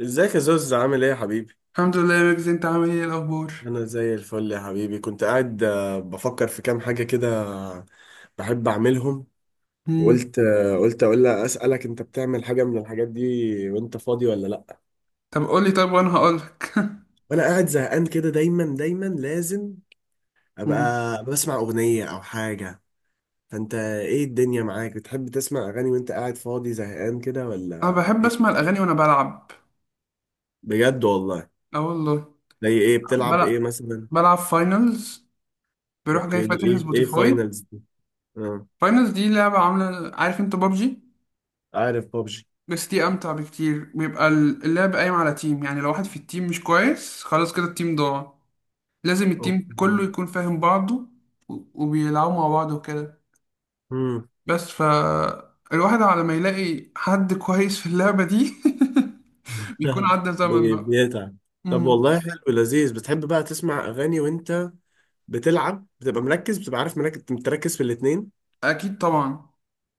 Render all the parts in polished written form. ازيك يا زوز، عامل ايه يا حبيبي؟ الحمد لله يا ويجز، انت عامل ايه، إيه الاخبار؟ انا زي الفل يا حبيبي. كنت قاعد، بفكر في كام حاجه كده، بحب اعملهم. مم. قلت اقول لها اسالك انت بتعمل حاجه من الحاجات دي وانت فاضي ولا لا؟ طب قول لي، طب وانا هقول لك. وانا قاعد زهقان كده، دايما دايما لازم ابقى بسمع اغنيه او حاجه. فانت ايه الدنيا معاك، بتحب تسمع اغاني وانت قاعد فاضي زهقان كده انا ولا بحب ايه؟ اسمع الاغاني وانا بلعب. بجد والله؟ اه والله. زي ايه بتلعب ايه بلعب مثلا؟ بلعب فاينلز. بروح جاي اوكي، دي فاتح ايه سبوتيفاي. فاينلز دي؟ اه. فاينلز دي لعبة، عاملة عارف انت بابجي؟ عارف بابجي. بس دي امتع بكتير، بيبقى اللعب قايم على تيم، يعني لو واحد في التيم مش كويس خلاص كده التيم ضاع. لازم التيم كله اوكي. يكون فاهم بعضه وبيلعبوا مع بعض وكده. مم. بس الواحد على ما يلاقي حد كويس في اللعبة دي بيكون عدى زمن بقى. بيتعب. طب امم والله، حلو لذيذ. بتحب بقى تسمع اغاني وانت بتلعب، بتبقى عارف، مركز متركز في الاتنين؟ اكيد طبعا.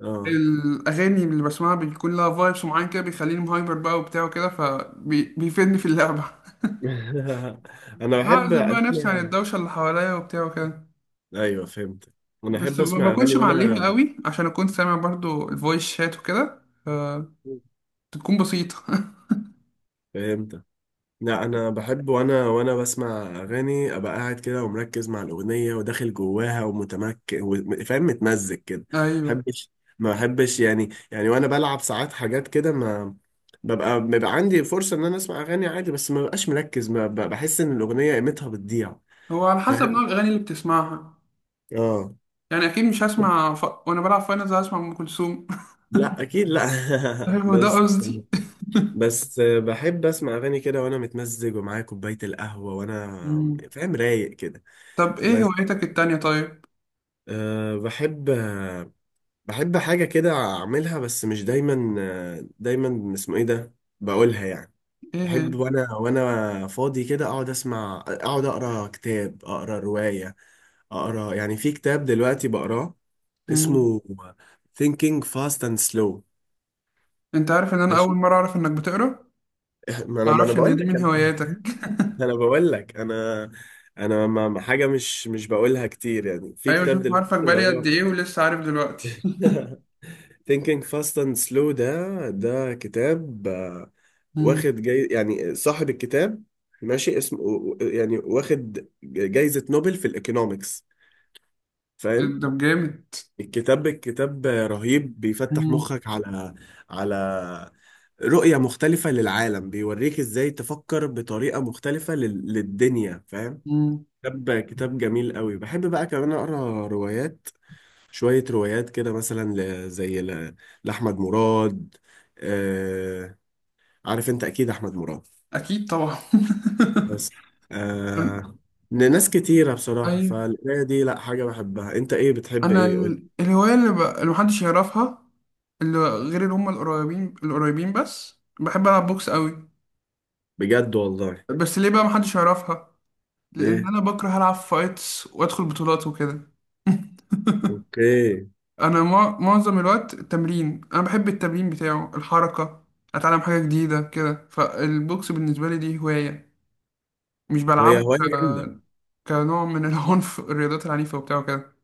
اه. الاغاني اللي بسمعها بيكون لها فايبس معين كده، بيخليني هايبر بقى وبتاع وكده، فبيفيدني في اللعبه. انا بحب بعزل بقى نفسي عن اسمع. الدوشه اللي حواليا وبتاع وكده، ايوه، فهمت. انا بس احب ما اسمع بكونش اغاني معليها وانا... قوي، عشان اكون سامع برضو الفويس شات وكده، فتكون بسيطه. فهمت. لا، انا بحب وانا بسمع اغاني، ابقى قاعد كده ومركز مع الاغنيه وداخل جواها ومتمكن فاهم، متمزج كده. ما ايوه. بحبش. ما بحبش يعني وانا بلعب ساعات حاجات كده، ما ببقى بيبقى عندي فرصه ان انا اسمع اغاني عادي، بس ما ببقاش مركز، ما بحس ان الاغنيه قيمتها بتضيع. هو على حسب نوع فاهم. الاغاني اللي بتسمعها. اه. يعني اكيد مش هسمع وانا بلعب فاينلز هسمع ام كلثوم. لا، اكيد لا. هو ده بس. قصدي. بس بحب اسمع اغاني كده وانا متمزج ومعايا كوبايه القهوه وانا مم. فاهم رايق كده. طب ايه بس. هوايتك التانية طيب؟ أه، بحب. بحب حاجة كده أعملها، بس مش دايما، دايما اسمه إيه ده، بقولها يعني. ايه هي؟ بحب وأنا فاضي كده، أقعد أقرأ كتاب، أقرأ رواية. أقرأ يعني، في كتاب دلوقتي بقراه، مم. اسمه Thinking Fast and Slow. انت عارف ان انا اول ماشي. مرة اعرف انك بتقرا؟ ما ما أنا ما أنا اعرفش ان بقول دي لك من أنا. هواياتك. أنا بقول لك أنا، أنا حاجة مش بقولها كتير، يعني في ايوه كتاب شوف، دلوقتي عارفك اللي بقالي قد هو... ايه ولسه عارف دلوقتي. Thinking Fast and Slow ده كتاب، مم. واخد جاي يعني، صاحب الكتاب ماشي اسمه يعني، واخد جايزة نوبل في الإيكونومكس. فاهم. ده جامد. الكتاب رهيب، بيفتح مم. مخك على... على رؤية مختلفة للعالم، بيوريك ازاي تفكر بطريقة مختلفة للدنيا، فاهم. مم. كتاب جميل قوي. بحب بقى كمان أقرأ روايات، شوية روايات كده، مثلا زي لأحمد مراد. آه. عارف أنت أكيد أحمد مراد. اكيد طبعا. بس. آه. لناس كتيرة بصراحة. ايوه. فالقراية دي لأ، حاجة بحبها. أنت إيه بتحب، انا إيه قول؟ الهواية اللي محدش يعرفها، اللي غير اللي هم القريبين القريبين، بس بحب العب بوكس قوي. بجد والله؟ بس ليه بقى محدش يعرفها؟ لان إيه. انا بكره العب فايتس وادخل بطولات وكده. أوكي. انا معظم الوقت التمرين، انا بحب التمرين بتاعه الحركه، اتعلم حاجه جديده كده. فالبوكس بالنسبه لي دي هوايه، مش ما هي بلعبه هواية جامدة. كنوع من العنف، الرياضات العنيفه وبتاعه كده.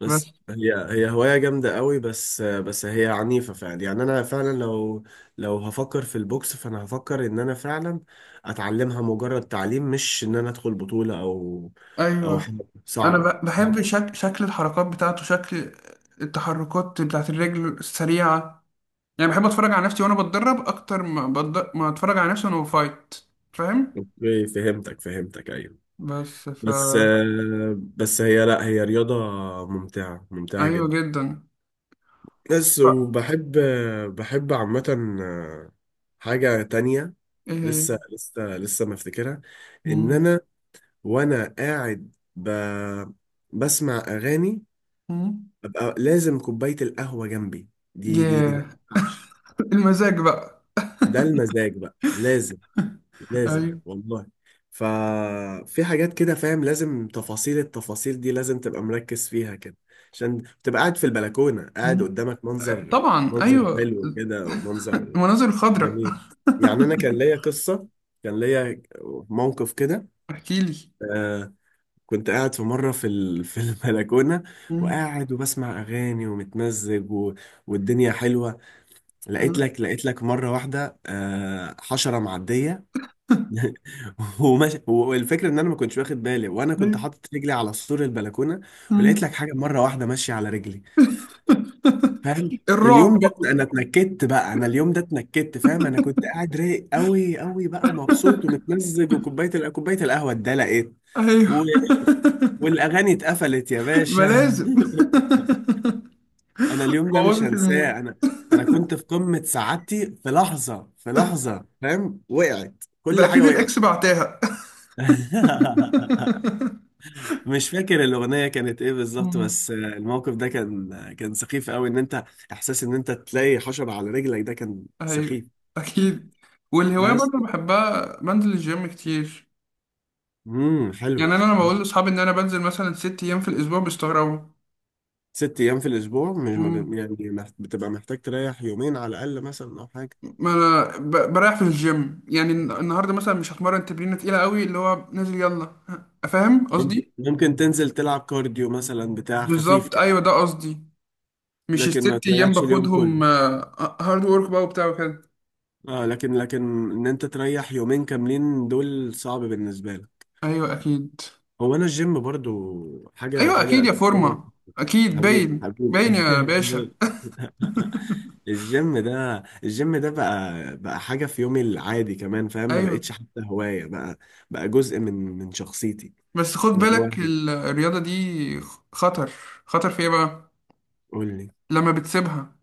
بس بس. هي هواية جامدة قوي، بس هي عنيفة فعلا، يعني أنا فعلا لو... لو هفكر في البوكس، فأنا هفكر إن أنا فعلا أتعلمها مجرد تعليم، مش إن أنا أدخل بطولة أو أو ايوه. حاجة. انا صعبة، بحب صعبة. شكل الحركات بتاعته، شكل التحركات بتاعت الرجل السريعه. يعني بحب اتفرج على نفسي وانا بتدرب اكتر ما ما اتفرج على نفسي وانا بفايت، فاهم؟ أوكي، فهمتك فهمتك، أيوه. بس بس. بس هي، لا هي رياضة ممتعة، ممتعة ايوه جدا. جدا. بس ف- وبحب، بحب عامة حاجة تانية. ايه هي؟ لسه لسه لسه ما افتكرها. ان مم. انا وانا قاعد، بسمع اغاني، مم. ابقى لازم كوبايه القهوه جنبي. دي ما ياه. ينفعش. المزاج بقى. ده المزاج بقى لازم، لازم ايوه. والله. ففي حاجات كده فاهم، لازم التفاصيل دي لازم تبقى مركز فيها كده، عشان تبقى قاعد في البلكونه، قاعد مم. قدامك منظر طبعا منظر ايوه. حلو كده، ومنظر المناظر الخضراء. جميل. يعني انا كان ليا قصه، كان ليا موقف كده. احكي لي. آه، كنت قاعد في مرة في البلكونة، مم. وقاعد وبسمع أغاني ومتمزج والدنيا حلوة. لقيت لك مرة واحدة، حشرة معدية. وماشي، والفكرة إن أنا ما كنتش واخد بالي، وأنا كنت أيوة. حاطط رجلي على سور البلكونة، ولقيت مم. لك حاجة مرة واحدة ماشية على رجلي. فاهم. الرعب اليوم ده بقى. أنا اتنكدت بقى، أنا اليوم ده اتنكدت، فاهم. أنا كنت قاعد رايق أوي أوي بقى، ومبسوط ومتمزج، وكوباية ال- كوباية القهوة اتدلقت، ايوه. والاغاني اتقفلت يا ما باشا. لازم. انا اليوم ده مش بوظت هنساه. المود. انا انا كنت في قمة سعادتي، في لحظة في لحظة، فاهم، وقعت ده كل حاجة اكيد وقعت. الاكس بعتها. مش فاكر الأغنية كانت إيه بالظبط، مم. بس الموقف ده كان سخيف قوي. إن أنت، إحساس إن أنت تلاقي حشرة على رجلك، ده كان ايوه سخيف. اكيد. والهوايه بس. برضه بحبها، بنزل الجيم كتير. حلو. يعني انا لما حلو. بقول لاصحابي ان انا بنزل مثلا 6 ايام في الاسبوع بيستغربوا. ست أيام في الأسبوع، مش ما مم. بي- يعني بتبقى محتاج تريح يومين على الأقل مثلا، أو حاجة؟ ما انا بريح في الجيم. يعني النهارده مثلا مش هتمرن تمرينه تقيله قوي، اللي هو نازل يلا، فاهم ممكن قصدي؟ ممكن تنزل تلعب كارديو مثلا، بتاع خفيف بالظبط، كده، ايوه ده قصدي. مش لكن ما الـ6 ايام تريحش اليوم كله. باخدهم هارد وورك بقى وبتاع وكده. اه، لكن ان انت تريح يومين كاملين دول صعب بالنسبه لك. ايوه اكيد. هو انا الجيم برضو حاجه ايوه حاجه اكيد يا أساسية. فورمه، اكيد حبيبي باين حبيبي باين يا باشا. الجيم ده بقى حاجه في يومي العادي كمان، فاهم، ما ايوه. بقتش حتى هوايه. بقى بقى جزء من شخصيتي. بس خد اللي هو... بالك الرياضه دي خطر. خطر في ايه بقى؟ قول لي. لما بتسيبها.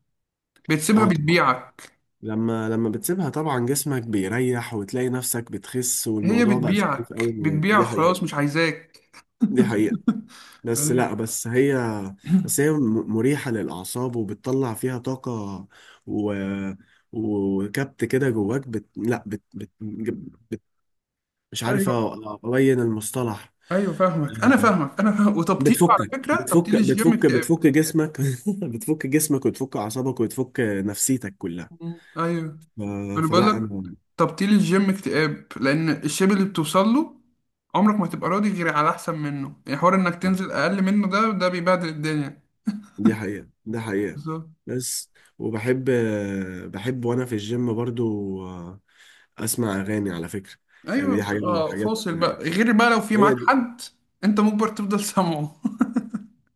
بتسيبها اه، طبعا. بتبيعك. لما بتسيبها طبعا جسمك بيريح، وتلاقي نفسك بتخس، هي والموضوع بقى سخيف قوي بتبيعك معاك. بتبيعك، دي خلاص مش حقيقة. عايزاك. دي حقيقة. بس ايوه. لا، بس هي، بس هي مريحة للأعصاب، وبتطلع فيها طاقة و... وكبت كده جواك، لا، بت... مش عارف، ايوه، أبين المصطلح. ايوه فاهمك، انا فاهمك انا فاهم. وتبطيل على بتفكك فكره، تبطيل بتفك الجيم بتفك اكتئاب. بتفك جسمك بتفك جسمك، وتفك أعصابك، وتفك نفسيتك كلها. مم. ايوه. ف... انا بقول فلا لك، أنا، تبطيل الجيم اكتئاب لان الشيب اللي بتوصل له عمرك ما تبقى راضي غير على احسن منه. يعني حوار انك تنزل اقل منه ده بيبهدل الدنيا. دي حقيقة دي حقيقة. بالظبط. بس وبحب، بحب وانا في الجيم برضو، آه، اسمع اغاني على فكرة. ايوه يعني دي حاجة من بتبقى الحاجات، فاصل بقى، غير بقى لو في معاك هي دي. حد انت مجبر تفضل سامعه.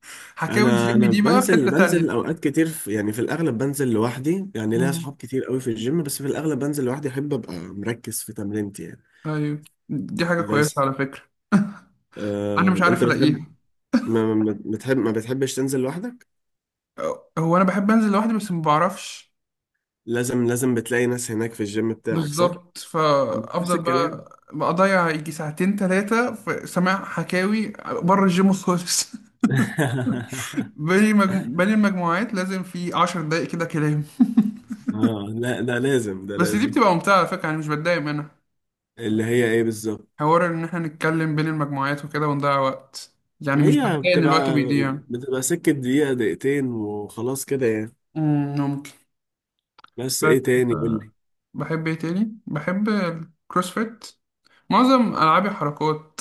حكاوي انا الجيم انا دي بقى في بنزل حته بنزل تانية. اوقات كتير، يعني في الاغلب بنزل لوحدي، يعني ليا مم. اصحاب كتير قوي في الجيم، بس في الاغلب بنزل لوحدي، احب ابقى مركز في تمرينتي يعني. ايوه دي حاجه كويسه بس. على فكره. انا مش آه، انت عارف بتحب الاقيها. ما بتحبش تنزل لوحدك؟ هو انا بحب انزل لوحدي بس ما بعرفش. لازم بتلاقي ناس هناك في الجيم بتاعك، صح؟ بالظبط، نفس فافضل الكلام. بقى اضيع يجي ساعتين ثلاثه في سماع حكاوي بره الجيم خالص. بين المجموعات لازم في 10 دقايق كده كلام. اه، لا ده لازم ده بس دي لازم. بتبقى ممتعه على فكره، يعني مش بتضايق منها. اللي هي ايه بالظبط؟ حوار ان احنا نتكلم بين المجموعات وكده ونضيع وقت، يعني مش هي بتضايق ان بتبقى الوقت بيضيع. بتبقى سكة دقيقة دقيقتين وخلاص كده يعني. ممكن. بس بس. ايه تاني قول آه، لي؟ بحب ايه تاني، بحب الكروسفيت، معظم العابي حركات.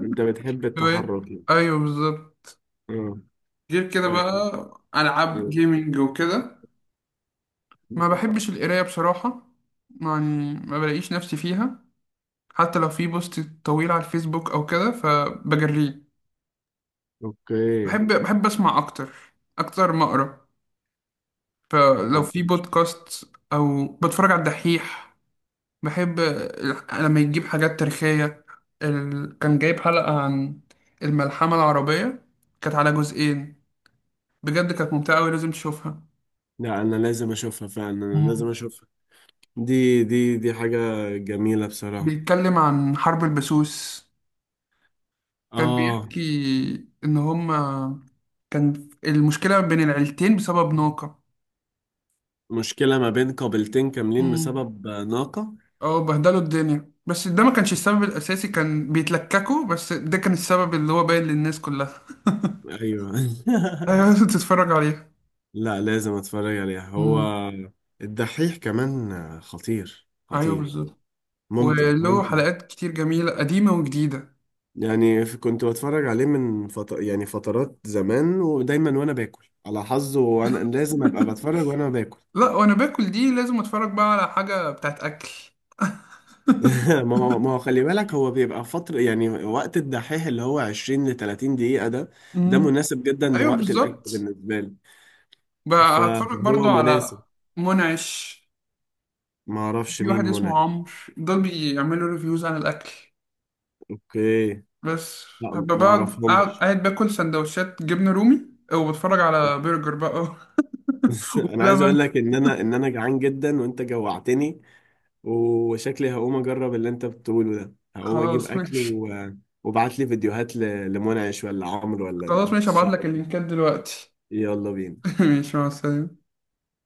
انت بتحب التحرك يعني. ايوه بالظبط. اه. غير كده بقى و- العاب آه. جيمنج وكده. ما بحبش القراية بصراحة، يعني ما بلاقيش نفسي فيها، حتى لو في بوست طويل على الفيسبوك أو كده فبجريه. اوكي، بحب أسمع أكتر، أكتر ما أقرأ. فلو طب. في بودكاست أو بتفرج على الدحيح، بحب لما يجيب حاجات تاريخية. كان جايب حلقة عن الملحمة العربية، كانت على جزئين. بجد كانت ممتعة أوي، لازم تشوفها. لا انا لازم اشوفها فعلا، انا لازم مم. اشوفها. دي حاجة جميلة بصراحة. بيتكلم عن حرب البسوس. كان اه. بيحكي ان هما كان المشكله بين العيلتين بسبب ناقه. مشكلة ما بين قابلتين كاملين امم بسبب ناقة؟ اه، بهدلوا الدنيا، بس ده ما كانش السبب الاساسي، كان بيتلككوا، بس ده كان السبب اللي هو باين للناس كلها. ايوه. ايوه، لازم تتفرج عليها. لا لازم اتفرج عليها. هو امم الدحيح كمان خطير ايوه خطير، بالظبط. ممتع وله ممتع. حلقات كتير جميله قديمه وجديده. يعني كنت بتفرج عليه من يعني فترات زمان، ودايما وانا باكل على حظه وانا لازم ابقى بتفرج وانا باكل. لا وانا باكل دي لازم اتفرج بقى على حاجه بتاعت اكل. ما هو خلي بالك، هو بيبقى فترة، يعني وقت الدحيح اللي هو 20 ل 30 دقيقة ده، ده امم مناسب جدا ايوه لوقت الاكل بالظبط. بالنسبة لي. بقى هتفرج برضو فهو على مناسب. منعش. ما اعرفش في مين واحد اسمه منعش؟ عمرو، دول بيعملوا ريفيوز عن الأكل. اوكي. بس. لا، فببقى ما بقعد قاعد اعرفهمش. قاعد باكل سندوتشات جبنة رومي، وبتفرج على برجر بقى. انا عايز وبلبن. اقول لك ان انا جعان جدا وانت جوعتني، وشكلي هقوم اجرب اللي انت بتقوله ده، هقوم اجيب خلاص اكل ماشي. وابعت لي فيديوهات لمنعش ولا عمرو ولا خلاص ماشي، هبعتلك الشلة. اللينكات دلوقتي. يلا بينا. ماشي، مع السلامة.